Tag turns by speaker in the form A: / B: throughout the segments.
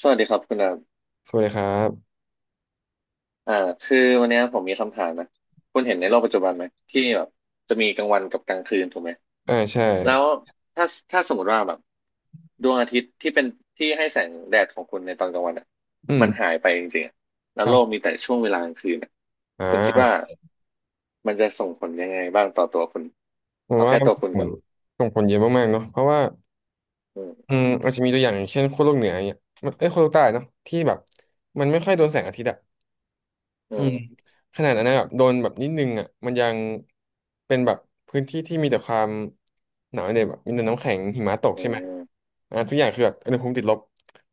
A: สวัสดีครับคุณดาม
B: สวัสดีครับ
A: อ่าคือวันเนี้ยผมมีคำถามนะ คุณเห็นในโลกปัจจุบันไหมที่แบบจะมีกลางวันกับกลางคืนถูกไหม
B: อ่าใช่
A: แล้วถ้าถ้าสมมติว่าแบบดวงอาทิตย์ที่เป็นที่ให้แสงแดดของคุณในตอนกลางวันอ่ะ
B: อื
A: มัน
B: ม
A: หายไปจริงๆอะแล้
B: ค
A: ว
B: รั
A: โลกมี
B: บ
A: แต่ช่วงเวลากลางคืนอะ
B: อ่
A: คุณคิดว่า
B: า
A: มันจะส่งผลยังไงบ้างต่อตัวคุณ
B: ผม
A: เอา
B: ว่า
A: แค่ตัวคุณ
B: ส่ง
A: ก่อน
B: ส่งผลเยอะมากๆเนาะเพราะว่า
A: อืม
B: อืมอาจจะมีตัวอย่างอย่างเช่นขั้วโลกเหนืออย่างเนี่ยมันเอ้ยขั้วโลกใต้เนาะที่แบบ มันไม่ค่อยโดนแสงอาทิตย์อะ
A: อื
B: อืม
A: ม
B: ขนาดนั้นนะแบบโดนแบบนิดนึงอ่ะมันยังเป็นแบบพื้นที่ที่มีแต่ความหนาวเนี่ยแบบมีแต่น้ำแข็งหิมะตก
A: อื
B: ใช่ไหม
A: ม
B: ทุกอย่างคือแบบอุณหภูมิติดลบ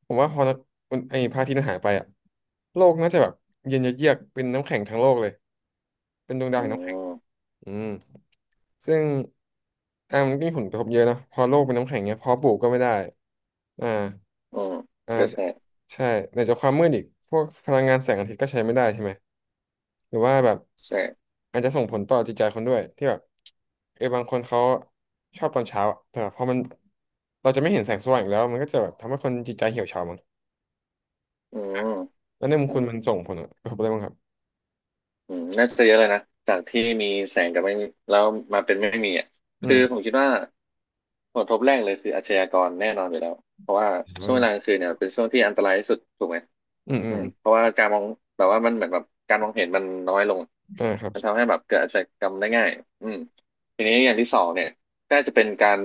B: ผมว่าพอนะมันไอ้พระอาทิตย์มันหายไปอ่ะโลกน่าจะแบบเย็นเยือกๆเป็นน้ำแข็งทั้งโลกเลยเป็นดวงดาว
A: อื
B: แห่งน้ำแข็ง
A: ม
B: อืมซึ่งมันก็มีผลกระทบเยอะนะพอโลกเป็นน้ำแข็งเนี้ยเพอปลูกก็ไม่ได้อ่า
A: อืม
B: อ่า
A: ก็ใช่
B: ใช่ไหนจะความมืดอีกพวกพลังงานแสงอาทิตย์ก็ใช้ไม่ได้ใช่ไหม หรือว่าแบบ
A: ใช่
B: อาจจะส่งผลต่อจิตใจคนด้วยที่แบบเออบางคนเขาชอบตอนเช้าอะแต่พอมันเราจะไม่เห็นแสงสว่างอีกแล้วมันก็จะแบบทำให้คนจิตใจเหี่ยวเฉามั้ง
A: อื
B: แล้วในมุมคุ
A: ม
B: ณมันส่งผลกระทบอะไรบ้างครับ
A: อืมน่าจะเยอะเลยนะจากที่มีแสงกับไม่มีแล้วมาเป็นไม่มีอ่ะ
B: อื
A: คือผ
B: ม
A: มคิดว่าผลกระทบแรกเลยคืออาชญากรแน่นอนอยู่แล้วเพราะว่าช่วงเว
B: อ่า
A: ลากลางคืนเนี่ยเป็นช่วงที่อันตรายที่สุดถูกไหม
B: อืมอื
A: อื
B: ม
A: มเพราะว่าการมองแบบว่ามันเหมือนแบบการมองเห็นมันน้อยลง
B: ครับ
A: มันทำให้แบบเกิดอาชญากรรมได้ง่ายอืมทีนี้อย่างที่สองเนี่ยก็อาจจะเป็นการ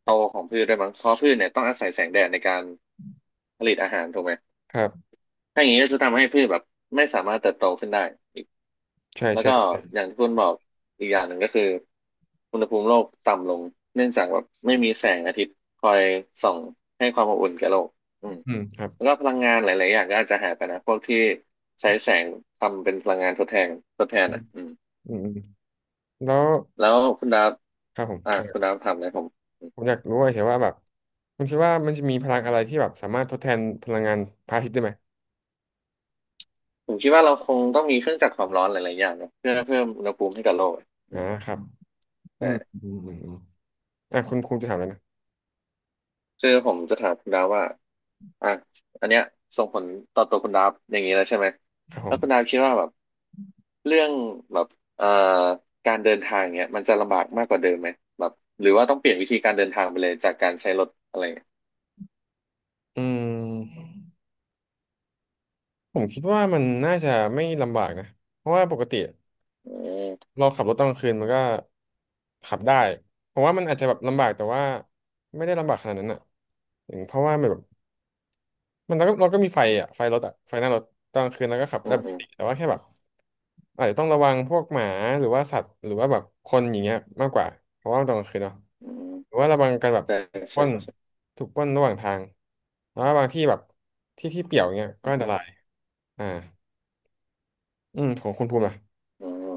A: โตของพืชด้วยมั้งเพราะพืชเนี่ยต้องอาศัยแสงแดดในการผลิตอาหารถูกไหม
B: ครับ
A: ถ้าอย่างนี้ก็จะทำให้พืชแบบไม่สามารถเติบโตขึ้นได้
B: ใช่
A: แล้วก็
B: ใช่
A: อย่างที่คุณบอกอีกอย่างหนึ่งก็คืออุณหภูมิโลกต่ำลงเนื่องจากว่าไม่มีแสงอาทิตย์คอยส่องให้ความอบอุ่นแก่โลกอืม
B: อืมครับ
A: แล้วก็พลังงานหลายๆอย่างก็อาจจะหายไปนะพวกที่ใช้แสงทำเป็นพลังงานทดแทนอ่ะอืม
B: อืมอืมแล้ว
A: แล้วคุณดาว
B: ครับผม
A: อ่ะคุณ
B: เอ่า
A: ดาวถามเลยผมม
B: ผมอยากรู้เฉยๆว่าแบบคุณคิดว่ามันจะมีพลังอะไรที่แบบสามารถทดแทนพลังงานพระอาทิตย์ได้ไหม
A: ผมคิดว่าเราคงต้องมีเครื่องจักรความร้อนหลายๆอย่างนะเพื่อเพิ่มอุณหภูมิให้กับโลกอะอืม
B: ครับอืม
A: ใช่
B: อืมอืมอมอ่ะคุณครูจะถามแล้วนะ
A: คือผมจะถามคุณดาวว่าอ่ะอันเนี้ยส่งผลต่อตัวคุณดาวอย่างนี้แล้วใช่ไหม
B: ครับผ
A: แล้ว
B: ม
A: คุณดาวคิดว่าแบบเรื่องแบบเอ่อการเดินทางเนี้ยมันจะลำบากมากกว่าเดิมไหมแบบหรือว่าต้องเปลี่ยนวิธีการเดินทางไปเลยจากการใช้รถอะไรเงี้ย
B: อืม ผมคิดว่ามันน่าจะไม่ลำบากนะเพราะว่าปกติ
A: อืม
B: เราขับรถตอนกลางคืนมันก็ขับได้เพราะว่ามันอาจจะแบบลำบากแต่ว่าไม่ได้ลำบากขนาดนั้นอ่ะอย่างเพราะว่ามันแบบมันเราก็มีไฟอ่ะไฟรถอ่ะไฟหน้ารถตอนกลางคืนเราก็ขับได้
A: อืม
B: ป
A: อื
B: ก
A: ม
B: ติแต่ว่าแค่แบบอาจจะต้องระวังพวกหมาหรือว่าสัตว์หรือว่าแบบคนอย่างเงี้ยมากกว่าเพราะว่าัตอนกลางคืนเนาะ
A: อืม
B: หรือว่าระวังการแบบ
A: ใช่
B: ปล้
A: ใช่
B: น
A: ใช่
B: ถูกปล้นระหว่างทางแล้วว่าบางที่แบบที่ที่เปี่ยวเงี้ยก็
A: อืมอ
B: อันต
A: ฮึ
B: รายอ่าอืมของคุณภูมิล่ะ
A: อืม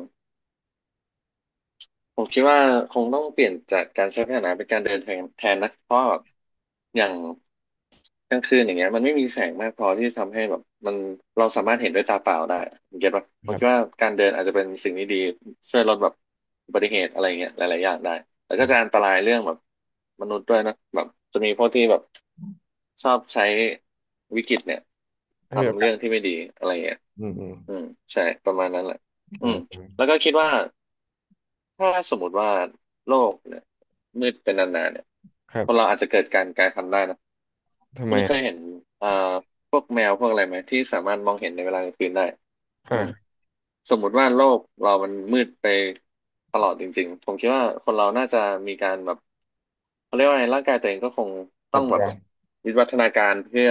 A: ผมคิดว่าคงต้องเปลี่ยนจากการใช้พาหนะเป็นการเดินทางแทนนะเพราะแบบอย่าง กลางคืนอย่างเงี้ยมันไม่มีแสงมากพอที่ทำให้แบบมันเราสามารถเห็นด้วยตาเปล่าได้ผมคิดว่าผ
B: ค
A: ม
B: รั
A: คิด
B: บ
A: ว่าการเดินอาจจะเป็นสิ่งที่ดีช่วยลดแบบอุบัติเหตุอะไรเงี้ยหลายๆอย่างได้แต่ก็จะอั
B: อ่ะ
A: นตรายเรื่องแบบมนุษย์ด้วยนะแบบจะมีพวกที่แบบชอบใช้วิกฤตเนี่ย
B: ให้มีโอ
A: ทำ
B: กา
A: เรื่
B: ส
A: องที่ไม่ดีอะไรเงี้ย
B: อืมอืม
A: อืมใช่ประมาณนั้นแหละอืม
B: ออ
A: แล้วก็คิดว่าถ้าสมมติว่าโลกเนี่ยมืดเป็นนานๆเนี่ย
B: ครั
A: คนเรา
B: บ
A: อาจจะเกิดการกลายพันธุ์ได้นะ
B: ทำ
A: คุ
B: ไม
A: ณเค
B: อ่ะ
A: ยเห็นเอ่อพวกแมวพวกอะไรไหมที่สามารถมองเห็นในเวลากลางคืนได้อืม
B: อ่า
A: สมมุติว่าโลกเรามันมืดไปตลอดจริงๆผมคิดว่าคนเราน่าจะมีการแบบเขาเรียกว่าไงร่างกายตัวเองก็คง
B: ป
A: ต้
B: รั
A: อ
B: บ
A: งแบ
B: ตัว
A: บวิวัฒนาการเพื่อ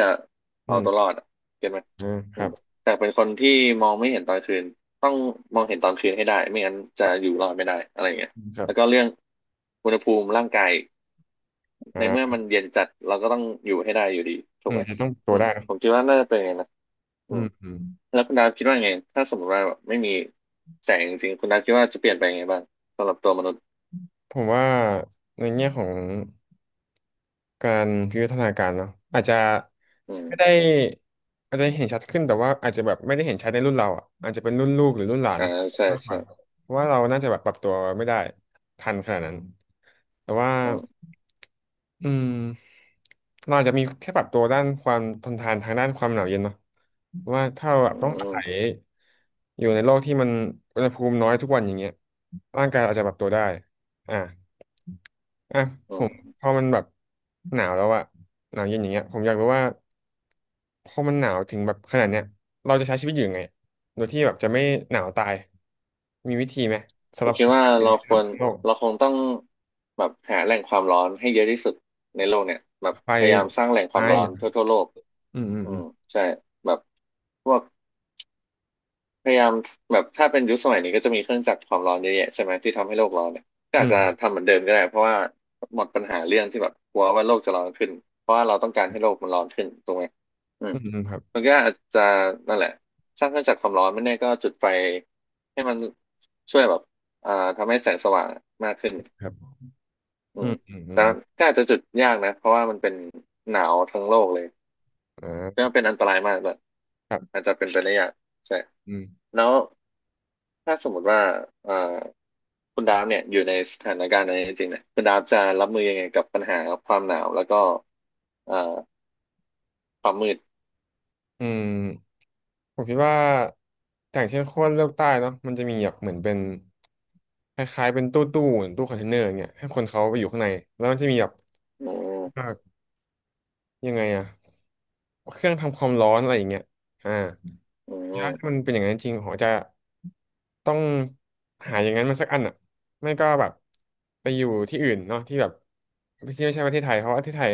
B: อื
A: เอาตัวรอ
B: ม
A: ดอะเก็ตไหม
B: อืมค
A: อื
B: รั
A: ม
B: บ
A: แต่เป็นคนที่มองไม่เห็นตอนคืนต้องมองเห็นตอนคืนให้ได้ไม่งั้นจะอยู่รอดไม่ได้อะไรเงี้ย
B: อืมครับ
A: แล้วก็เรื่องอุณหภูมิร่างกาย
B: อ่
A: ในเมื่อ
B: า
A: มันเย็นจัดเราก็ต้องอยู่ให้ได้อยู่ดีถู
B: อื
A: กไห
B: ม
A: ม
B: จะต้องปรับตั
A: อื
B: ว
A: ม
B: ได้
A: ผม
B: นะ
A: คิดว่าน่าจะเป็นอย่างนั้นนะอื
B: อื
A: ม
B: มอืม
A: แล้วคุณดาวคิดว่าไงถ้าสมมติว่าแบบไม่มีแสงจริงๆคุณดาวคิดว่าจะเปลี่ยนไปยังไงบ้างสำหรับตัวมนุษย์
B: ผมว่าในแง่ของ การวิวัฒนาการเนาะอาจจะ
A: อืม
B: ไม่ได้อาจจะเห็นชัดขึ้นแต่ว่าอาจจะแบบไม่ได้เห็นชัดในรุ่นเราอ่ะอาจจะเป็นรุ่นลูกหรือรุ่นหลาน
A: อ่าใช่
B: มากก
A: ใช่
B: ว่าเพราะว่าเราน่าจะแบบปรับตัวไม่ได้ทันขนาดนั้นแต่ว่า
A: อืม
B: อืมเราอาจจะมีแค่ปรับตัวด้านความทนทานทางด้านความหนาวเย็นเนาะเพราะว่าถ้าเราแบ
A: อื
B: บต้องอาศั
A: ม
B: ยอยู่ในโลกที่มันอุณหภูมิน้อยทุกวันอย่างเงี้ยร่างกายอาจจะปรับตัวได้อ่า อ่ะ
A: อื
B: ผ
A: ม
B: มพอมันแบบหนาวแล้วอะหนาวเย็นอย่างเงี้ยผมอยากรู้ว่าพอมันหนาวถึงแบบขนาดเนี้ยเราจะใช้ชีวิตอยู่ยังไงโดยที่แบบจะไม่หนาวตายมีวิธีไหม
A: ผ
B: สำหรั
A: ม
B: บ
A: คิ
B: ค
A: ด
B: นไท
A: ว่า
B: ยหรือ
A: เราค
B: สำหรั
A: ว
B: บ
A: ร
B: ทั้งโลก
A: เราคงต้องแบบหาแหล่งความร้อนให้เยอะที่สุดในโลกเนี่ยแบบ
B: ไฟ
A: พยายามสร้างแหล่ง
B: ไ
A: ความร้อนทั่
B: ฟ
A: วทั่วโลก
B: อืมอืม
A: อื
B: อืม
A: มใช่แบบพวก พยายามแบบถ้าเป็นยุคสมัยนี้ก็จะมีเครื่องจักรความร้อนเยอะแยะใช่ไหมที่ทำให้โลกร้อนเนี่ยก็
B: อื
A: อาจจะ
B: ม
A: ทำเหมือนเดิมก็ได้เพราะว่าหมดปัญหาเรื่องที่แบบกลัวว่าโลกจะร้อนขึ้นเพราะว่าเราต้องการให้โลกมันร้อนขึ้นถูกไหมอืม
B: อืมอืมครับ
A: มันก็อาจจะนั่นแหละสร้างเครื่องจักรความร้อนไม่แน่ก็จุดไฟให้มันช่วยแบบอ่าทำให้แสงสว่างมากขึ้น
B: ครับ
A: อื
B: อื
A: ม
B: มอืมอื
A: แต่
B: ม
A: ก็อาจจะจุดยากนะเพราะว่ามันเป็นหนาวทั้งโลกเลย
B: อ่
A: ก็
B: า
A: เป็นอันตรายมากแบบ
B: ครับ
A: อาจจะเป็นไปได้ยากใช่
B: อืม
A: แล้วถ้าสมมติว่าเอ่อคุณดาฟเนี่ยอยู่ในสถานการณ์นั้นจริงๆเนี่ยคุณดาฟจะรับมือยังไงกับปัญหาความหนาวแล้วก็เอ่อความมืด
B: อืมผมคิดว่าอย่างเช่นขั้วโลกใต้เนาะมันจะมีแบบเหมือนเป็นคล้ายๆเป็นตู้ตู้คอนเทนเนอร์อย่างเงี้ยให้คนเขาไปอยู่ข้างในแล้วมันจะมีแบบ
A: อืม
B: จากยังไงอะเครื่องทำความร้อนอะไรอย่างเงี้ยอ่า
A: อื
B: ถ้ามัน
A: ม
B: เป็นอย่างนั้นจริงผมจะต้องหาอย่างนั้นมาสักอันอะไม่ก็แบบไปอยู่ที่อื่นเนาะที่แบบที่ไม่ใช่ประเทศไทยเพราะว่าประเทศไทย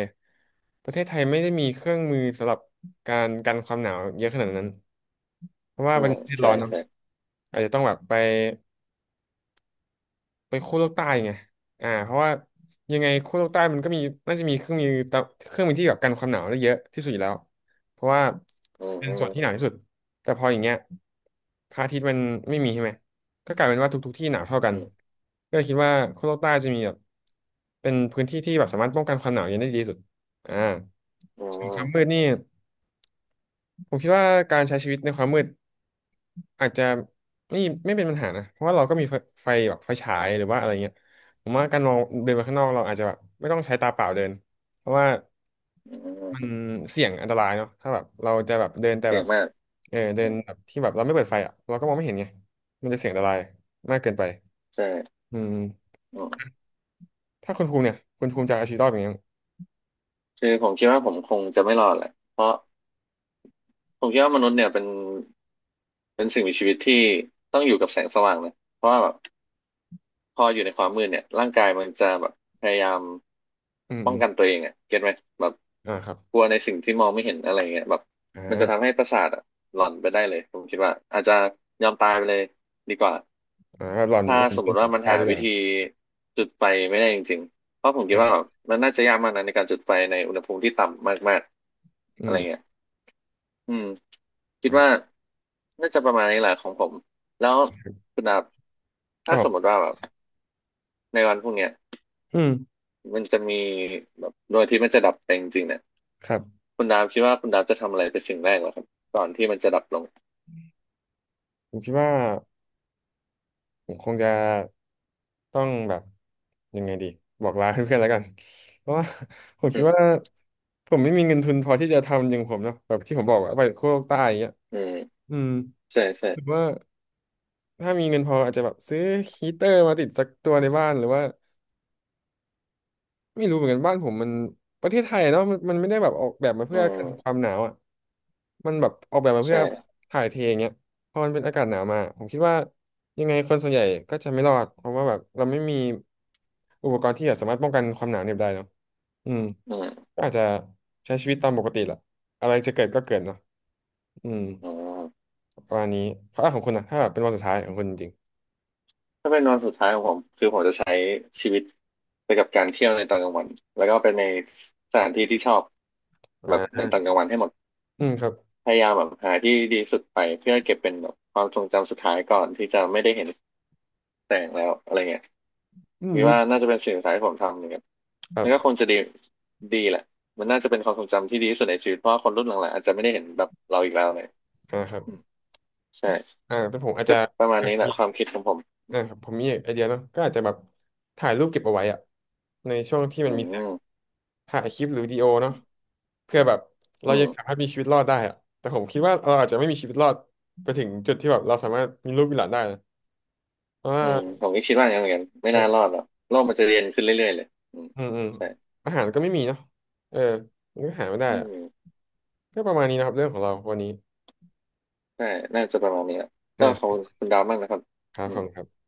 B: ประเทศไทยไม่ได้มีเครื่องมือสำหรับการกันความหนาวเยอะขนาดนั้นเพราะว่า
A: อื
B: เป็น
A: ม
B: ประเทศ
A: ใช่
B: ร้อนเนาะ
A: ใช่
B: อาจจะต้องแบบไป ไปขั้วโลกใต้ไงเพราะว่ายังไงขั้วโลกใต้มันก็มีน่าจะมีเครื่องมือที่แบบกันความหนาวได้เยอะที่สุดอยู่แล้วเพราะว่า
A: อืม
B: เป็น
A: อื
B: ส่
A: ม
B: วนที่หนาวที่สุดแต่พออย่างเงี้ยพระอาทิตย์มันไม่มีใช่ไหมก็กลายเป็นว่าทุกๆที่หนาวเท่ากัน
A: อืม
B: ก็เลยคิดว่าขั้วโลกใต้จะมีแบบเป็นพื้นที่ที่แบบสามารถป้องกันความหนาวเย็นได้ดีที่สุดอ่าส่วนความมืดนี่ ผมคิดว่าการใช้ชีวิตในความมืดอาจจะไม่ไม่เป็นปัญหานะเพราะว่าเราก็มีไฟไฟแบบไฟฉายหรือว่าอะไรเงี้ยผมว่าการมองเดินไปข้างนอกเราอาจจะแบบไม่ต้องใช้ตาเปล่าเดินเพราะว่า
A: อืมอืม
B: มันเสี่ยงอันตรายเนาะถ้าแบบเราจะแบบเดินแต่
A: เสี่
B: แบ
A: ยง
B: บ
A: มาก
B: เออเดิ
A: อื
B: น
A: ม
B: แบบที่แบบเราไม่เปิดไฟอ่ะเราก็มองไม่เห็นไงมันจะเสี่ยงอันตรายมากเกินไป
A: ใช่
B: อืม
A: อืม
B: ถ้าคุณภูมิเนี่ยคุณภูมิจะเอาชีวิตรอดอย่างเงี้ย
A: คือผมคิดว่าผมคงจะไม่รอดแหละเพราะผมคิดว่ามนุษย์เนี่ยเป็นสิ่งมีชีวิตที่ต้องอยู่กับแสงสว่างนะเพราะว่าแบบ พออยู่ในความมืดเนี่ยร่างกายมันจะแบบพยายาม
B: อืม
A: ป้
B: อ
A: องกัน
B: ม
A: ตัวเองอ่ะเก็ตไหมแบบ
B: อ่าครับ
A: กลัวในสิ่งที่มองไม่เห็นอะไรเงี้ยแบบ
B: อ่
A: มันจะทำ
B: า
A: ให้ประสาทอะหลอนไปได้เลยผมคิดว่าอาจจะยอมตายไปเลยดีกว่า
B: อ่าหล่อน
A: ถ้า
B: หล่อน
A: สม
B: เป็
A: มุ
B: น
A: ติ
B: แบ
A: ว่า
B: บ
A: มัน
B: ตาย
A: หา
B: ดีก
A: วิ
B: ว่า
A: ธีจุดไฟไม่ได้จริงๆเพราะผม
B: ค
A: คิด
B: รั
A: ว่าแบ
B: บ
A: บมันน่าจะยากมากนะในการจุดไฟในอุณหภูมิที่ต่ำมากๆอะ
B: อื
A: ไร
B: ม
A: เงี้ยอืมคิดว่า
B: อ่า
A: น่าจะประมาณนี้แหละของผมแล้วคุณดับ
B: ค
A: ถ้า
B: รับผ
A: สมม
B: ม
A: ติว่าแบบในวันพรุ่งเนี้ย
B: อืม
A: มันจะมีแบบดวงอาทิตย์มันจะดับไปจริงๆเนี่ย
B: ครับ
A: คุณดาวคิดว่าคุณดาวจะทำอะไรเป็นสิ่งแรกเหรอครับก่อนที่มันจะดับลง
B: ผมคิดว่าผมคงจะต้องแบบยังไงดีบอกลาเพื่อนๆแล้วกันเพราะว่า ผม
A: อื
B: คิดว่า
A: ม
B: ผมไม่มีเงินทุนพอที่จะทำอย่างผมเนอะแบบที่ผมบอกว่าไปโคกใต้อย่างเงี้ย
A: อืม
B: อืม
A: ใช่ใช่
B: หรือว่าถ้ามีเงินพออาจจะแบบซื้อฮีเตอร์มาติดสักตัวในบ้านหรือว่า ไม่รู้เหมือนกันบ้านผมประเทศไทยเนาะมันไม่ได้แบบออกแบบมา
A: อื
B: เพื่อกั
A: ม
B: นความหนาวอ่ะมันแบบออกแบบมาเพื่อ
A: ใช่
B: ถ่ายเทอย่างเงี้ยพอมันเป็นอากาศหนาวมาผมคิดว่ายังไงคนส่วนใหญ่ก็จะไม่รอดเพราะว่าแบบเราไม่มีอุปกรณ์ที่แบบสามารถป้องกันความหนาวเหน็บได้เนาะอืม
A: อืม
B: ก็อาจจะใช้ชีวิตตามปกติแหละอะไรจะเกิดก็เกิดเนาะอืม
A: อ๋อ
B: ประมาณนี้เพราะอ่ะของคุณนะถ้าแบบเป็นวันสุดท้ายของคุณจริง
A: ถ้าเป็นวันสุดท้ายของผมคือผมจะใช้ชีวิตไปกับการเที่ยวในตอนกลางวันแล้วก็ไปในสถานที่ที่ชอบ
B: ๆอ่า
A: แบบในตอนกลางวันให้หมด
B: อืมครับ
A: พยายามแบบหาที่ดีสุดไปเพื่อเก็บเป็นแบบความทรงจำสุดท้ายก่อนที่จะไม่ได้เห็นแสงแล้วอะไรเงี้ย
B: อื
A: คิดว่า
B: ม
A: น่าจะเป็นสิ่งสุดท้ายที่ผมทำเนี่ย
B: ครั
A: มั
B: บ
A: นก็คงจะดีแหละมันน่าจะเป็นความทรงจำที่ดีที่สุดในชีวิตเพราะว่าคนรุ่นหลังๆอาจจะไม่ได้เห็นแบบเราอีกแล้วเลย
B: อ่าครับ
A: อืมใช่
B: อ่าเป็นผมอาจ
A: ก็
B: จะ
A: ประมาณนี้แหละความคิดของผม
B: อ่าครับผมมีไอเดียเนาะก็อาจจะแบบถ่ายรูปเก็บเอาไว้อะในช่วงที่มัน
A: อื
B: มีแสง
A: ม
B: ถ่ายคลิปหรือวิดีโอเนาะเพื่อแบบเรา
A: อื
B: ยังสา
A: ม
B: มารถมีชีวิตรอดได้อะแต่ผมคิดว่าเราอาจจะไม่มีชีวิตรอดไปถึงจุดที่แบบเราสามารถมีลูกมีหลานได้นะเพราะว่า
A: อืมผมก็คิดว่าอย่างนั้นเหมือนกันไม่น่ารอ
B: เออ
A: ดหรอกโลกมันจะเรียนขึ้นเรื่อยๆเลยอืม
B: อืมอืม
A: ใช่
B: อาหารก็ไม่มีเนาะเออมันก็หาไม่ได้
A: อื
B: อะ
A: ม
B: ก็ประมาณนี้นะครับเรื่องของเราวันนี้
A: ใช่น่าจะประมาณนี้แหละ
B: อ่
A: ก็ขอบ
B: า
A: คุณคุณดาวมากนะครับ
B: ครับ
A: อื
B: ขอ
A: ม
B: บคุณครับ